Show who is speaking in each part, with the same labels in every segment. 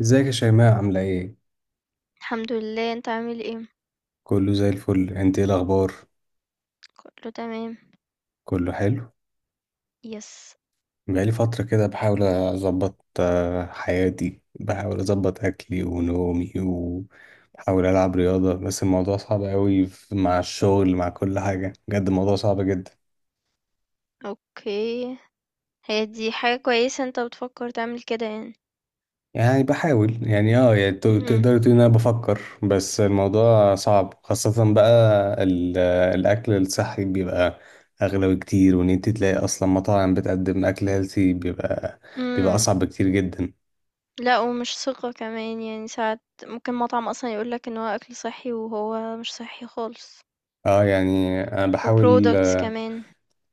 Speaker 1: ازيك يا شيماء، عاملة ايه؟
Speaker 2: الحمد لله. انت عامل ايه؟
Speaker 1: كله زي الفل، انت ايه الأخبار؟
Speaker 2: كله تمام.
Speaker 1: كله حلو؟
Speaker 2: يس.
Speaker 1: بقالي فترة كده بحاول أظبط حياتي، بحاول أظبط أكلي ونومي وبحاول ألعب رياضة، بس الموضوع صعب أوي مع الشغل، مع كل حاجة. بجد الموضوع صعب جدا.
Speaker 2: اوكي. هي دي حاجة كويسة انت بتفكر تعمل كده يعني.
Speaker 1: يعني بحاول يعني يعني تقدر
Speaker 2: امم.
Speaker 1: تقول ان انا بفكر، بس الموضوع صعب. خاصة بقى ال- الاكل الصحي بيبقى اغلى بكتير، وان انت تلاقي اصلا مطاعم بتقدم اكل هيلثي بيبقى
Speaker 2: امم.
Speaker 1: اصعب بكتير جدا.
Speaker 2: لا ومش ثقة كمان يعني ساعات ممكن مطعم اصلا يقولك ان هو اكل صحي وهو مش صحي خالص.
Speaker 1: اه، يعني انا بحاول
Speaker 2: وبرودكتس كمان.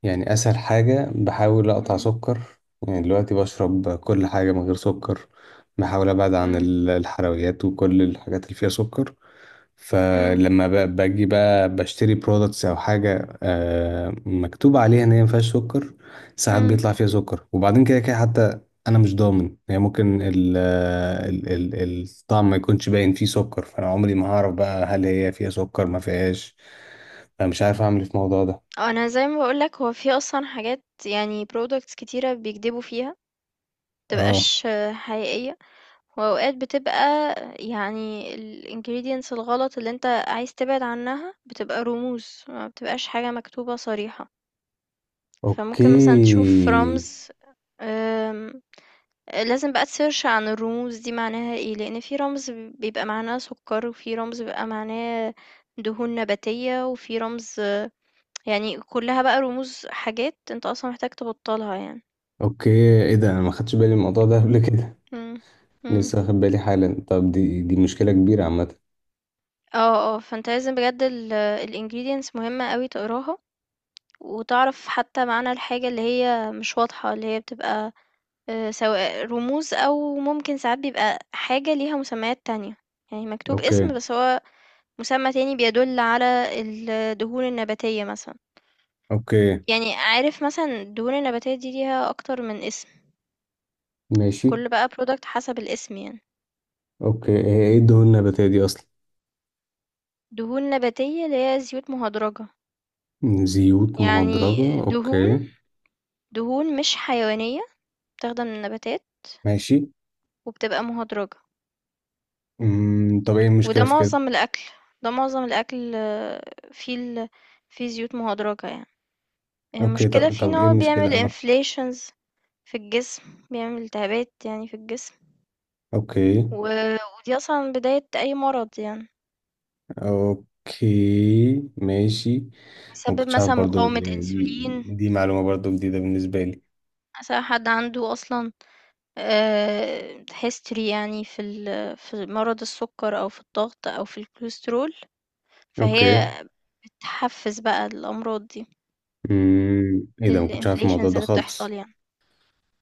Speaker 1: يعني اسهل حاجة بحاول اقطع
Speaker 2: امم.
Speaker 1: سكر. يعني دلوقتي بشرب كل حاجة من غير سكر. بحاول ابعد عن
Speaker 2: امم.
Speaker 1: الحلويات وكل الحاجات اللي فيها سكر.
Speaker 2: امم.
Speaker 1: فلما باجي بقى بشتري برودكتس او حاجه مكتوب عليها ان هي ما فيهاش سكر، ساعات
Speaker 2: امم.
Speaker 1: بيطلع فيها سكر. وبعدين كده كده حتى انا مش ضامن، يعني ممكن ال ال ال الطعم ما يكونش باين فيه سكر، فانا عمري ما هعرف بقى هل هي فيها سكر ما فيهاش. فمش عارف اعمل إيه في الموضوع ده.
Speaker 2: انا زي ما بقولك هو في اصلا حاجات يعني برودكتس كتيرة بيكذبوا فيها
Speaker 1: اه.
Speaker 2: متبقاش حقيقية. وأوقات بتبقى يعني ال ingredients الغلط اللي أنت عايز تبعد عنها بتبقى رموز، ما بتبقاش حاجة مكتوبة صريحة، فممكن مثلًا تشوف
Speaker 1: اوكي.
Speaker 2: رمز. آمم، لازم بقى تsearch عن الرموز دي معناها إيه، لأن في رمز بيبقى معناه سُكّر، وفي رمز بيبقى معناه دهون نباتية، وفي رمز يعني كلّها بقى رموز حاجات أنت أصلًا محتاج تبطّلها يعني.
Speaker 1: اوكي. ايه ده، انا ما خدتش بالي من الموضوع ده قبل كده.
Speaker 2: إمم. إمم.
Speaker 1: لسه واخد بالي حالا. طب دي مشكله كبيره عامه.
Speaker 2: فأنت لازم بجد الingredients مهمة أوي تقراها، وتعرف حتى معنى الحاجة اللي هي مش واضحة اللي هي بتبقى سواء رموز أو ممكن ساعات بيبقى حاجة ليها مسميات تانية، يعني مكتوب
Speaker 1: اوكي.
Speaker 2: اسم بس هو مسمى تاني بيدل على الدهون النباتية مثلا.
Speaker 1: اوكي.
Speaker 2: يعني عارف مثلا الدهون النباتية دي ليها أكتر من اسم.
Speaker 1: ماشي.
Speaker 2: كل بقى برودكت حسب الاسم يعني.
Speaker 1: اوكي، هي ايه الدهون النباتية دي اصلا؟
Speaker 2: دهون نباتية اللي هي زيوت مهدرجة.
Speaker 1: زيوت
Speaker 2: يعني
Speaker 1: مهدرجة،
Speaker 2: دهون
Speaker 1: اوكي.
Speaker 2: دهون مش حيوانية، بتاخدها من النباتات
Speaker 1: ماشي.
Speaker 2: وبتبقى مهدرجة.
Speaker 1: امم، طب ايه
Speaker 2: وده
Speaker 1: المشكلة في كده؟
Speaker 2: معظم الأكل. ده معظم الأكل فيه فيه زيوت مهدرجة يعني.
Speaker 1: اوكي،
Speaker 2: المشكلة
Speaker 1: طب,
Speaker 2: فيه إن
Speaker 1: طب ايه
Speaker 2: هو
Speaker 1: المشكلة؟
Speaker 2: بيعمل
Speaker 1: اه.
Speaker 2: inflations في الجسم، بيعمل التهابات يعني في الجسم.
Speaker 1: اوكي.
Speaker 2: و... ودي أصلا بداية أي مرض يعني.
Speaker 1: اوكي. ماشي. انا
Speaker 2: بيسبب
Speaker 1: مكنتش عارف
Speaker 2: مثلا
Speaker 1: برضو،
Speaker 2: مقاومة
Speaker 1: يعني دي
Speaker 2: أنسولين.
Speaker 1: دي معلومة برضو جديدة بالنسبة لي.
Speaker 2: مثلا حد عنده أصلا history يعني في في مرض السكر أو في الضغط أو في الكوليسترول.
Speaker 1: اوكي.
Speaker 2: فهي بتحفز بقى الأمراض دي،
Speaker 1: امم، ايه ده، ما كنتش عارف الموضوع
Speaker 2: الانفليشنز
Speaker 1: ده
Speaker 2: اللي بتحصل
Speaker 1: خالص.
Speaker 2: يعني.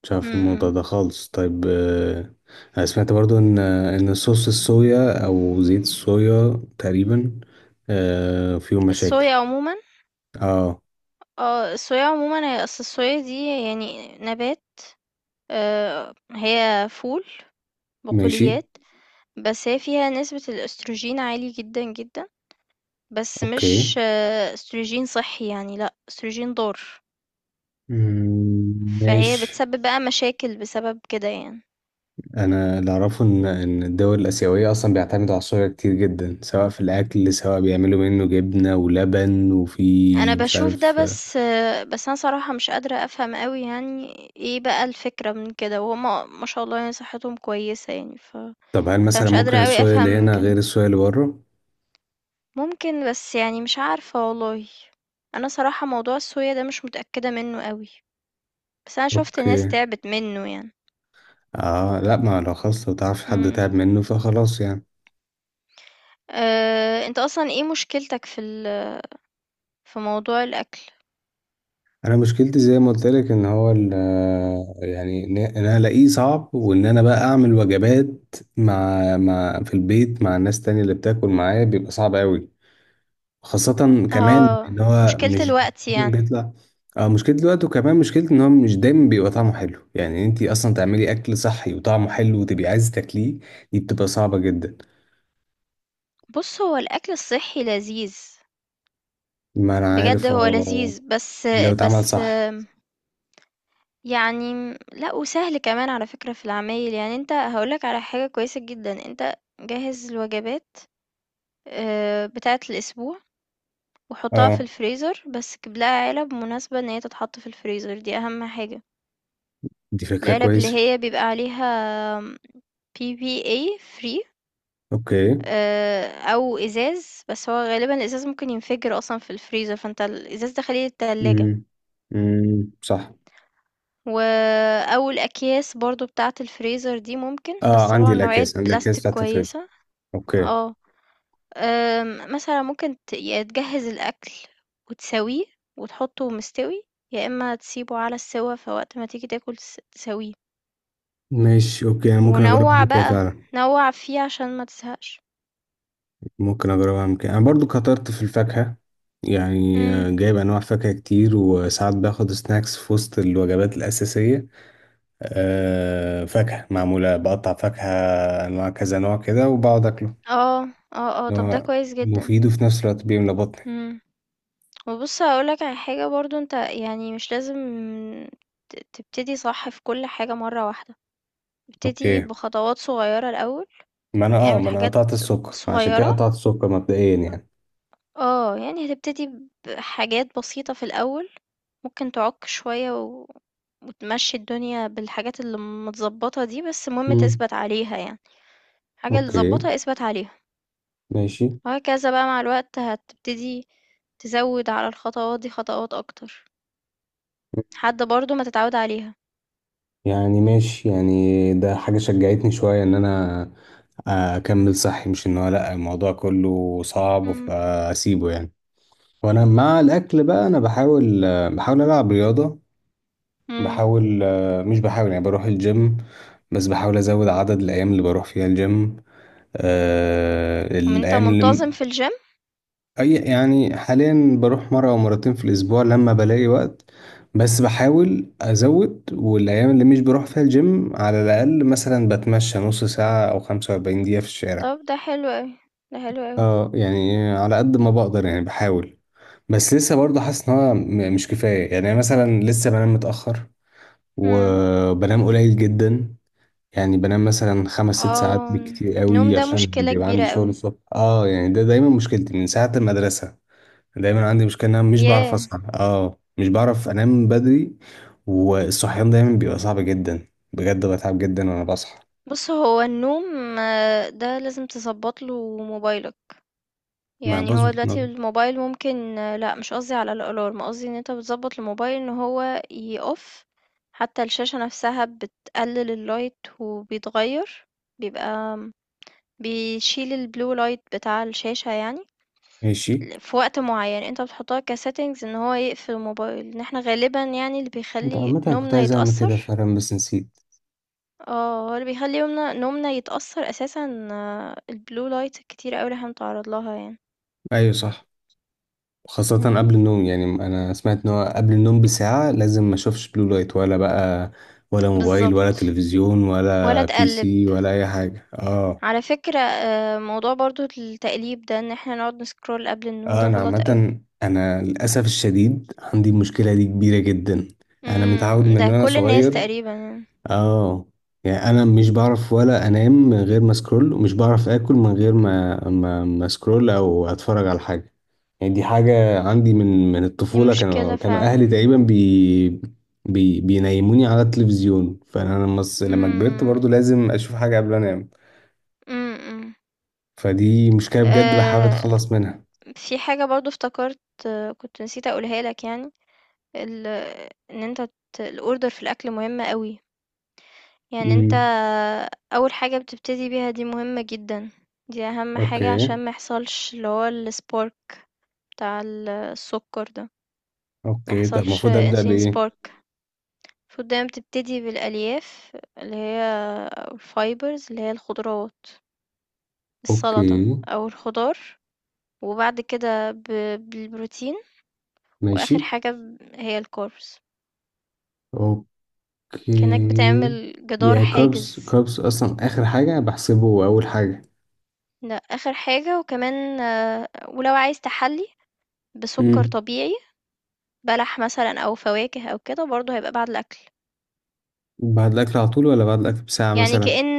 Speaker 1: مش
Speaker 2: م-
Speaker 1: عارف الموضوع
Speaker 2: م.
Speaker 1: ده خالص. طيب، انا سمعت برضو ان صوص الصويا او زيت الصويا تقريبا فيهم مشاكل.
Speaker 2: الصويا عمومًا.
Speaker 1: اه.
Speaker 2: الصويا عمومًا هي أصل الصويا دي يعني نبات. هي فول،
Speaker 1: ماشي.
Speaker 2: بقوليات. بس هي فيها نسبة الأستروجين عالي جدا جدا. بس
Speaker 1: اوكي.
Speaker 2: مش أستروجين صحي يعني، لأ أستروجين ضار.
Speaker 1: مم،
Speaker 2: فهي
Speaker 1: ماشي.
Speaker 2: بتسبب بقى مشاكل بسبب كده يعني.
Speaker 1: انا اللي اعرفه ان الدول الاسيويه اصلا بيعتمدوا على الصويا كتير جدا، سواء في الاكل، سواء بيعملوا منه جبنه ولبن
Speaker 2: أنا
Speaker 1: وفي مش
Speaker 2: بشوف ده،
Speaker 1: عارف.
Speaker 2: بس أنا صراحة مش قادرة أفهم أوي يعني. ايه بقى الفكرة من كده وهما ما شاء الله يعني صحتهم كويسة يعني،
Speaker 1: طب هل مثلا
Speaker 2: فمش قادرة
Speaker 1: ممكن
Speaker 2: أوي
Speaker 1: الصويا
Speaker 2: أفهم
Speaker 1: اللي
Speaker 2: من
Speaker 1: هنا
Speaker 2: كده.
Speaker 1: غير الصويا اللي بره؟
Speaker 2: ممكن، بس يعني مش عارفة والله. أنا صراحة موضوع الصويا ده مش متأكدة منّه أوي، بس أنا شُفت ناس
Speaker 1: اوكي.
Speaker 2: تعبت منّه يعني.
Speaker 1: اه لا، ما لو خلاص، لو تعرف حد
Speaker 2: إمم.
Speaker 1: تعب منه فخلاص يعني.
Speaker 2: أنت أصلًا إيه مشكلتك في موضوع الأكل؟
Speaker 1: انا مشكلتي زي ما قلت لك ان هو يعني ان انا الاقيه صعب، وان انا بقى اعمل وجبات مع في البيت مع الناس تانية اللي بتاكل معايا بيبقى صعب قوي، خاصة كمان
Speaker 2: آه.
Speaker 1: ان هو
Speaker 2: مشكلة
Speaker 1: مش
Speaker 2: الوقت
Speaker 1: دايماً
Speaker 2: يعني.
Speaker 1: بيطلع، اه، مشكلة الوقت. وكمان مشكلة ان هو مش دايما بيبقى طعمه حلو، يعني انت اصلا تعملي اكل صحي وطعمه حلو وتبقي عايز تاكليه، دي بتبقى صعبة جدا.
Speaker 2: بُص، هو الأكل الصحّي لذيذ،
Speaker 1: ما انا
Speaker 2: بجد
Speaker 1: عارف،
Speaker 2: هو
Speaker 1: اه،
Speaker 2: لذيذ، بس
Speaker 1: لو اتعمل
Speaker 2: بس
Speaker 1: صح.
Speaker 2: آمم يعني لأ، وسهل كمان على فكرة في العمايل. يعني أنت هاقول لك على حاجة كويسة جدًا، أنت جهّز الوجبات بتاعة الأسبوع، وأحطها في
Speaker 1: اه،
Speaker 2: الفريزر، بس أجيب لها علب مناسبة إن هي تتحط في الفريزر، دي أهم حاجة.
Speaker 1: دي فكرة
Speaker 2: العلب اللي
Speaker 1: كويسة.
Speaker 2: هي بيبقى عليها PPA free،
Speaker 1: اوكي.
Speaker 2: أو إزاز، بس هو غالبًا الإزاز ممكن ينفجر أصلًا في الفريزر، فأنت الإزاز ده خليه للتلاجة.
Speaker 1: امم. امم، صح.
Speaker 2: و أو الأكياس برضه بتاعة الفريزر دي ممكن، بس
Speaker 1: اه، عندي
Speaker 2: طبعًا نوعية
Speaker 1: الاكياس عندي الاكياس
Speaker 2: بلاستيك
Speaker 1: بتاعت الفريزر.
Speaker 2: كويسة.
Speaker 1: اوكي.
Speaker 2: آه. مثلًا ممكن يا تجهّز الأكل وتساويه وتحطّه مستوي، يا إمّا تسيبه على السِوَّة فوقت ما تيجي تاكل تساويه،
Speaker 1: ماشي. اوكي، انا ممكن اجربها
Speaker 2: ونوّع
Speaker 1: من كده
Speaker 2: بقى،
Speaker 1: فعلا.
Speaker 2: نوّع فيه عشان ما تزهقش.
Speaker 1: ممكن اجربها من كده، انا برضو كترت في الفاكهه، يعني
Speaker 2: إمم.
Speaker 1: جايب انواع فاكهه كتير، وساعات باخد سناكس في وسط الوجبات الاساسيه. فاكهه معموله بقطع فاكهه، انواع كذا نوع كده وبقعد اكله،
Speaker 2: آه،
Speaker 1: اللي
Speaker 2: طَب ده
Speaker 1: هو
Speaker 2: كويس جدًا.
Speaker 1: مفيد وفي نفس الوقت بيملى بطني.
Speaker 2: إمم. وبُص هاقول لك على حاجة برضه، أنت يعني مش لازم تبتدي صح في كل حاجة مرّة واحدة، ابتدي
Speaker 1: اوكي.
Speaker 2: بخطوات صغيّرة الأول،
Speaker 1: ما انا اه
Speaker 2: اعمل
Speaker 1: ما انا
Speaker 2: حاجات
Speaker 1: قطعت السكر، عشان كده
Speaker 2: صغيّرة.
Speaker 1: قطعت السكر مبدئيا يعني.
Speaker 2: يعني هتبتدي بحاجات بسيطة في الأول، ممكن تعُك شوية وتمشّي الدنيا بالحاجات اللي متضبّطة دي، بس المهم
Speaker 1: امم.
Speaker 2: تثبَت عليها يعني، الحاجة اللي
Speaker 1: اوكي.
Speaker 2: اتضبّطة اثبَت عليها،
Speaker 1: ماشي
Speaker 2: وهكذا بقى مع الوقت هتبتدي تزوّد على الخطوات دي خطوات أكتر، لحد برضه ما تتعوّد عليها.
Speaker 1: يعني. ماشي، يعني ده حاجة شجعتني شوية ان انا اكمل صحي، مش ان هو لا الموضوع كله صعب
Speaker 2: إمم.
Speaker 1: فاسيبه يعني. وانا مع الاكل بقى انا بحاول العب رياضة.
Speaker 2: إمم.
Speaker 1: بحاول، مش بحاول يعني بروح الجيم، بس بحاول ازود عدد الايام اللي بروح فيها الجيم.
Speaker 2: طَب أنت
Speaker 1: الايام،
Speaker 2: منتظم في الgym؟
Speaker 1: اي يعني حاليا بروح مره او مرتين في الاسبوع لما بلاقي وقت، بس بحاول ازود. والايام اللي مش بروح فيها الجيم على الاقل مثلا بتمشى نص ساعه او 45 دقيقه في الشارع.
Speaker 2: طَب ده حلو أوي، ده حلو أوي.
Speaker 1: اه، يعني على قد ما بقدر يعني بحاول، بس لسه برضه حاسس ان هو مش كفايه. يعني مثلا لسه بنام متاخر
Speaker 2: إمم.
Speaker 1: وبنام قليل جدا، يعني بنام مثلا خمس ست ساعات
Speaker 2: آه،
Speaker 1: بالكتير
Speaker 2: النوم
Speaker 1: قوي
Speaker 2: ده
Speaker 1: عشان
Speaker 2: مشكلة
Speaker 1: بيبقى
Speaker 2: كبيرة
Speaker 1: عندي شغل
Speaker 2: أوي.
Speaker 1: الصبح. اه، يعني ده دايما مشكلتي من ساعه المدرسه. دايما عندي مشكلة ان انا مش بعرف
Speaker 2: ياه!
Speaker 1: اصحى، اه، مش بعرف انام بدري، والصحيان دايما بيبقى صعب جدا، بجد بتعب جدا وانا بصحى.
Speaker 2: بُص هو النوم ده لازم تضبّط له موبايلك.
Speaker 1: ما
Speaker 2: يعني هو
Speaker 1: بظبط
Speaker 2: دلوقتي
Speaker 1: نوم.
Speaker 2: الموبايل ممكن، لأ مش قصدي على الألارم، قصدي إن أنت بتضبّط الموبايل إن هو يoff حتى الشاشة نفسها، بتقلل الlight وبيتغيّر، بيبقى بيشيل الblue light بتاع الشاشة يعني
Speaker 1: ماشي.
Speaker 2: في وقت معيّن، أنت بتحطها كsettings إن هو يقفل الموبايل، إن إحنا غالبًا يعني اللي
Speaker 1: انت
Speaker 2: بيخلّي
Speaker 1: عامة، أنا كنت
Speaker 2: نومنا
Speaker 1: عايز اعمل كده
Speaker 2: يتأثّر.
Speaker 1: فعلا بس نسيت.
Speaker 2: هو اللي بيخلّي نومنا يتأثّر أساسًا، الblue light الكتيرة أوي اللي إحنا بنتعرّض لها يعني.
Speaker 1: ايوه صح. خاصة
Speaker 2: إمم.
Speaker 1: قبل النوم، يعني انا سمعت ان هو قبل النوم بساعة لازم ما اشوفش بلو لايت ولا بقى، ولا موبايل ولا
Speaker 2: بالضبط،
Speaker 1: تلفزيون
Speaker 2: ولا
Speaker 1: ولا بي
Speaker 2: تقلّب.
Speaker 1: سي ولا اي حاجة. اه.
Speaker 2: على فكرة، موضوع برضو التقليب ده ان احنا نقعد نسكرول قبل النوم
Speaker 1: اه،
Speaker 2: ده
Speaker 1: انا
Speaker 2: غلط
Speaker 1: عامة
Speaker 2: قوي.
Speaker 1: انا للاسف الشديد عندي المشكلة دي كبيرة جدا. انا متعود من
Speaker 2: ده
Speaker 1: وانا
Speaker 2: كل الناس
Speaker 1: صغير.
Speaker 2: تقريبا يعني.
Speaker 1: اه، يعني انا مش بعرف ولا انام من غير ما سكرول، ومش بعرف اكل من غير ما سكرول او اتفرج على حاجة. يعني دي حاجة عندي من
Speaker 2: دي
Speaker 1: الطفولة، كانوا
Speaker 2: مشكلة
Speaker 1: كانوا اهلي
Speaker 2: فعلا.
Speaker 1: تقريبا بي بي بينيموني على التلفزيون، فانا لما لما كبرت
Speaker 2: امم.
Speaker 1: برضو لازم اشوف حاجة قبل انام.
Speaker 2: امم.
Speaker 1: فدي مشكلة بجد بحاول
Speaker 2: أه
Speaker 1: اتخلص منها.
Speaker 2: في حاجة برضو افتكرت، كنت نسيت اقولها لك يعني. ال ان انت ت- الاوردر في الاكل مهمة قوي. يعني انت
Speaker 1: امم.
Speaker 2: اول حاجة بتبتدي بيها دي مهمة جدا، دي اهم حاجة
Speaker 1: اوكي.
Speaker 2: عشان ما يحصلش اللي هو السبارك بتاع السكر ده، ما
Speaker 1: اوكي، طب
Speaker 2: يحصلش
Speaker 1: المفروض ابدا
Speaker 2: insulin
Speaker 1: بايه؟
Speaker 2: spark. المفروض دايمًا بتبتدي بالألياف اللي هي، أو الfibers اللي هي الخضروات، السلطة
Speaker 1: اوكي.
Speaker 2: أو الخضار، وبعد كده بالبروتين،
Speaker 1: ماشي.
Speaker 2: وآخر حاجة هي الcarbs،
Speaker 1: اوكي،
Speaker 2: كأنك بتعمل جدار
Speaker 1: يا كاربس،
Speaker 2: حاجز،
Speaker 1: كاربس اصلا اخر حاجه بحسبه اول حاجه.
Speaker 2: ده آخر حاجة. وكمان ولو عايز تحلي بسكر
Speaker 1: امم.
Speaker 2: طبيعي، بلح مثلًا أو فواكه أو كده، برضه هيبقى بعد الأكل.
Speaker 1: بعد الاكل على طول ولا بعد الاكل بساعه
Speaker 2: يعني
Speaker 1: مثلا؟
Speaker 2: كأن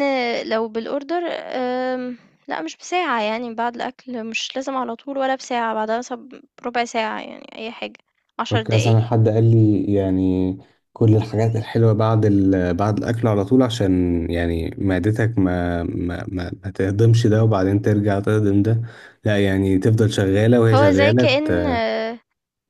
Speaker 2: لو بالorder، لأ مش بساعة يعني بعد الأكل، مش لازم على طول ولا بساعة، بعدها مثلًا بربع ساعة يعني، أي حاجة، 10
Speaker 1: اوكي، اصلا
Speaker 2: دقايق.
Speaker 1: حد قال لي يعني كل الحاجات الحلوه بعد بعد الاكل على طول، عشان يعني معدتك ما تهضمش ده وبعدين ترجع تهضم ده، لا يعني تفضل شغاله وهي
Speaker 2: هو زي
Speaker 1: شغاله
Speaker 2: كأن
Speaker 1: ت...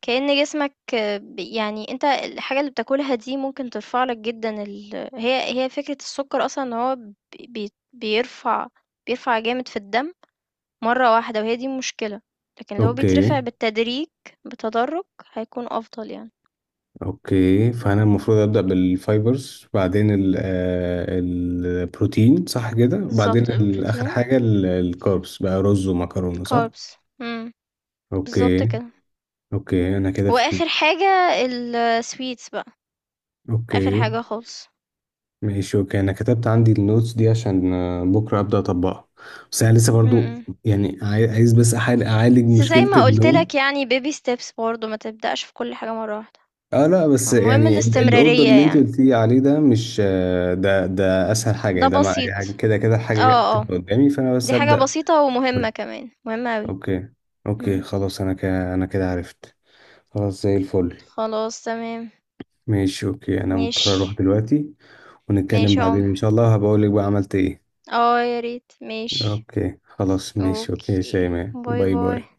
Speaker 2: جسمك، يعني أنت الحاجة اللي بتاكلها دي ممكن ترفع لك جدًا ال هي هي فكرة السكر أصلًا، إن هو ب بي بيرفع بيرفع جامد في الدم مرة واحدة، وهي دي المشكلة. لكن لو
Speaker 1: اوكي.
Speaker 2: بيترفع بالتدريج بتدرج هيكون أفضل يعني.
Speaker 1: اوكي، فانا المفروض ابدا بالفايبرز، بعدين البروتين صح كده، بعدين
Speaker 2: بالضبط،
Speaker 1: اخر
Speaker 2: بروتين.
Speaker 1: حاجه الكاربس بقى، رز ومكرونه صح.
Speaker 2: carbs. امم. بالضبط
Speaker 1: اوكي.
Speaker 2: كده.
Speaker 1: اوكي، انا كده فهمت.
Speaker 2: وآخر حاجة الsweets بقى، آخر
Speaker 1: اوكي.
Speaker 2: حاجة خالص.
Speaker 1: ماشي. اوكي، انا كتبت عندي النوتس دي عشان بكره ابدا اطبقها. بس انا لسه
Speaker 2: إمم.
Speaker 1: برضو،
Speaker 2: إمم.
Speaker 1: يعني عايز بس أحاول اعالج
Speaker 2: بس زي
Speaker 1: مشكله
Speaker 2: ما قُلت
Speaker 1: النوم.
Speaker 2: لك يعني baby steps برضه، ما تبدأش في كل حاجة مرّة واحدة.
Speaker 1: اه لا، بس
Speaker 2: المهم
Speaker 1: يعني الاوردر
Speaker 2: الاستمرارية
Speaker 1: اللي انت
Speaker 2: يعني،
Speaker 1: قلتي عليه ده مش، ده اسهل حاجه.
Speaker 2: ده
Speaker 1: يعني ده مع
Speaker 2: بسيط.
Speaker 1: يعني كده كده الحاجه
Speaker 2: آه، آه.
Speaker 1: هتبقى قدامي، فانا بس
Speaker 2: دي حاجة
Speaker 1: ابدا.
Speaker 2: بسيطة ومهمة كمان، مهمة أوي.
Speaker 1: اوكي. اوكي
Speaker 2: إمم.
Speaker 1: خلاص، انا كده عرفت. خلاص، زي الفل.
Speaker 2: خلاص تمام،
Speaker 1: ماشي. اوكي، انا مضطر اروح
Speaker 2: ماشي،
Speaker 1: دلوقتي، ونتكلم
Speaker 2: ماشي يا
Speaker 1: بعدين ان
Speaker 2: عمر.
Speaker 1: شاء الله هبقول لك بقى عملت ايه.
Speaker 2: يا ريت، ماشي.
Speaker 1: اوكي خلاص. ماشي. اوكي يا
Speaker 2: أوكي،
Speaker 1: شيماء،
Speaker 2: باي،
Speaker 1: باي باي.
Speaker 2: باي.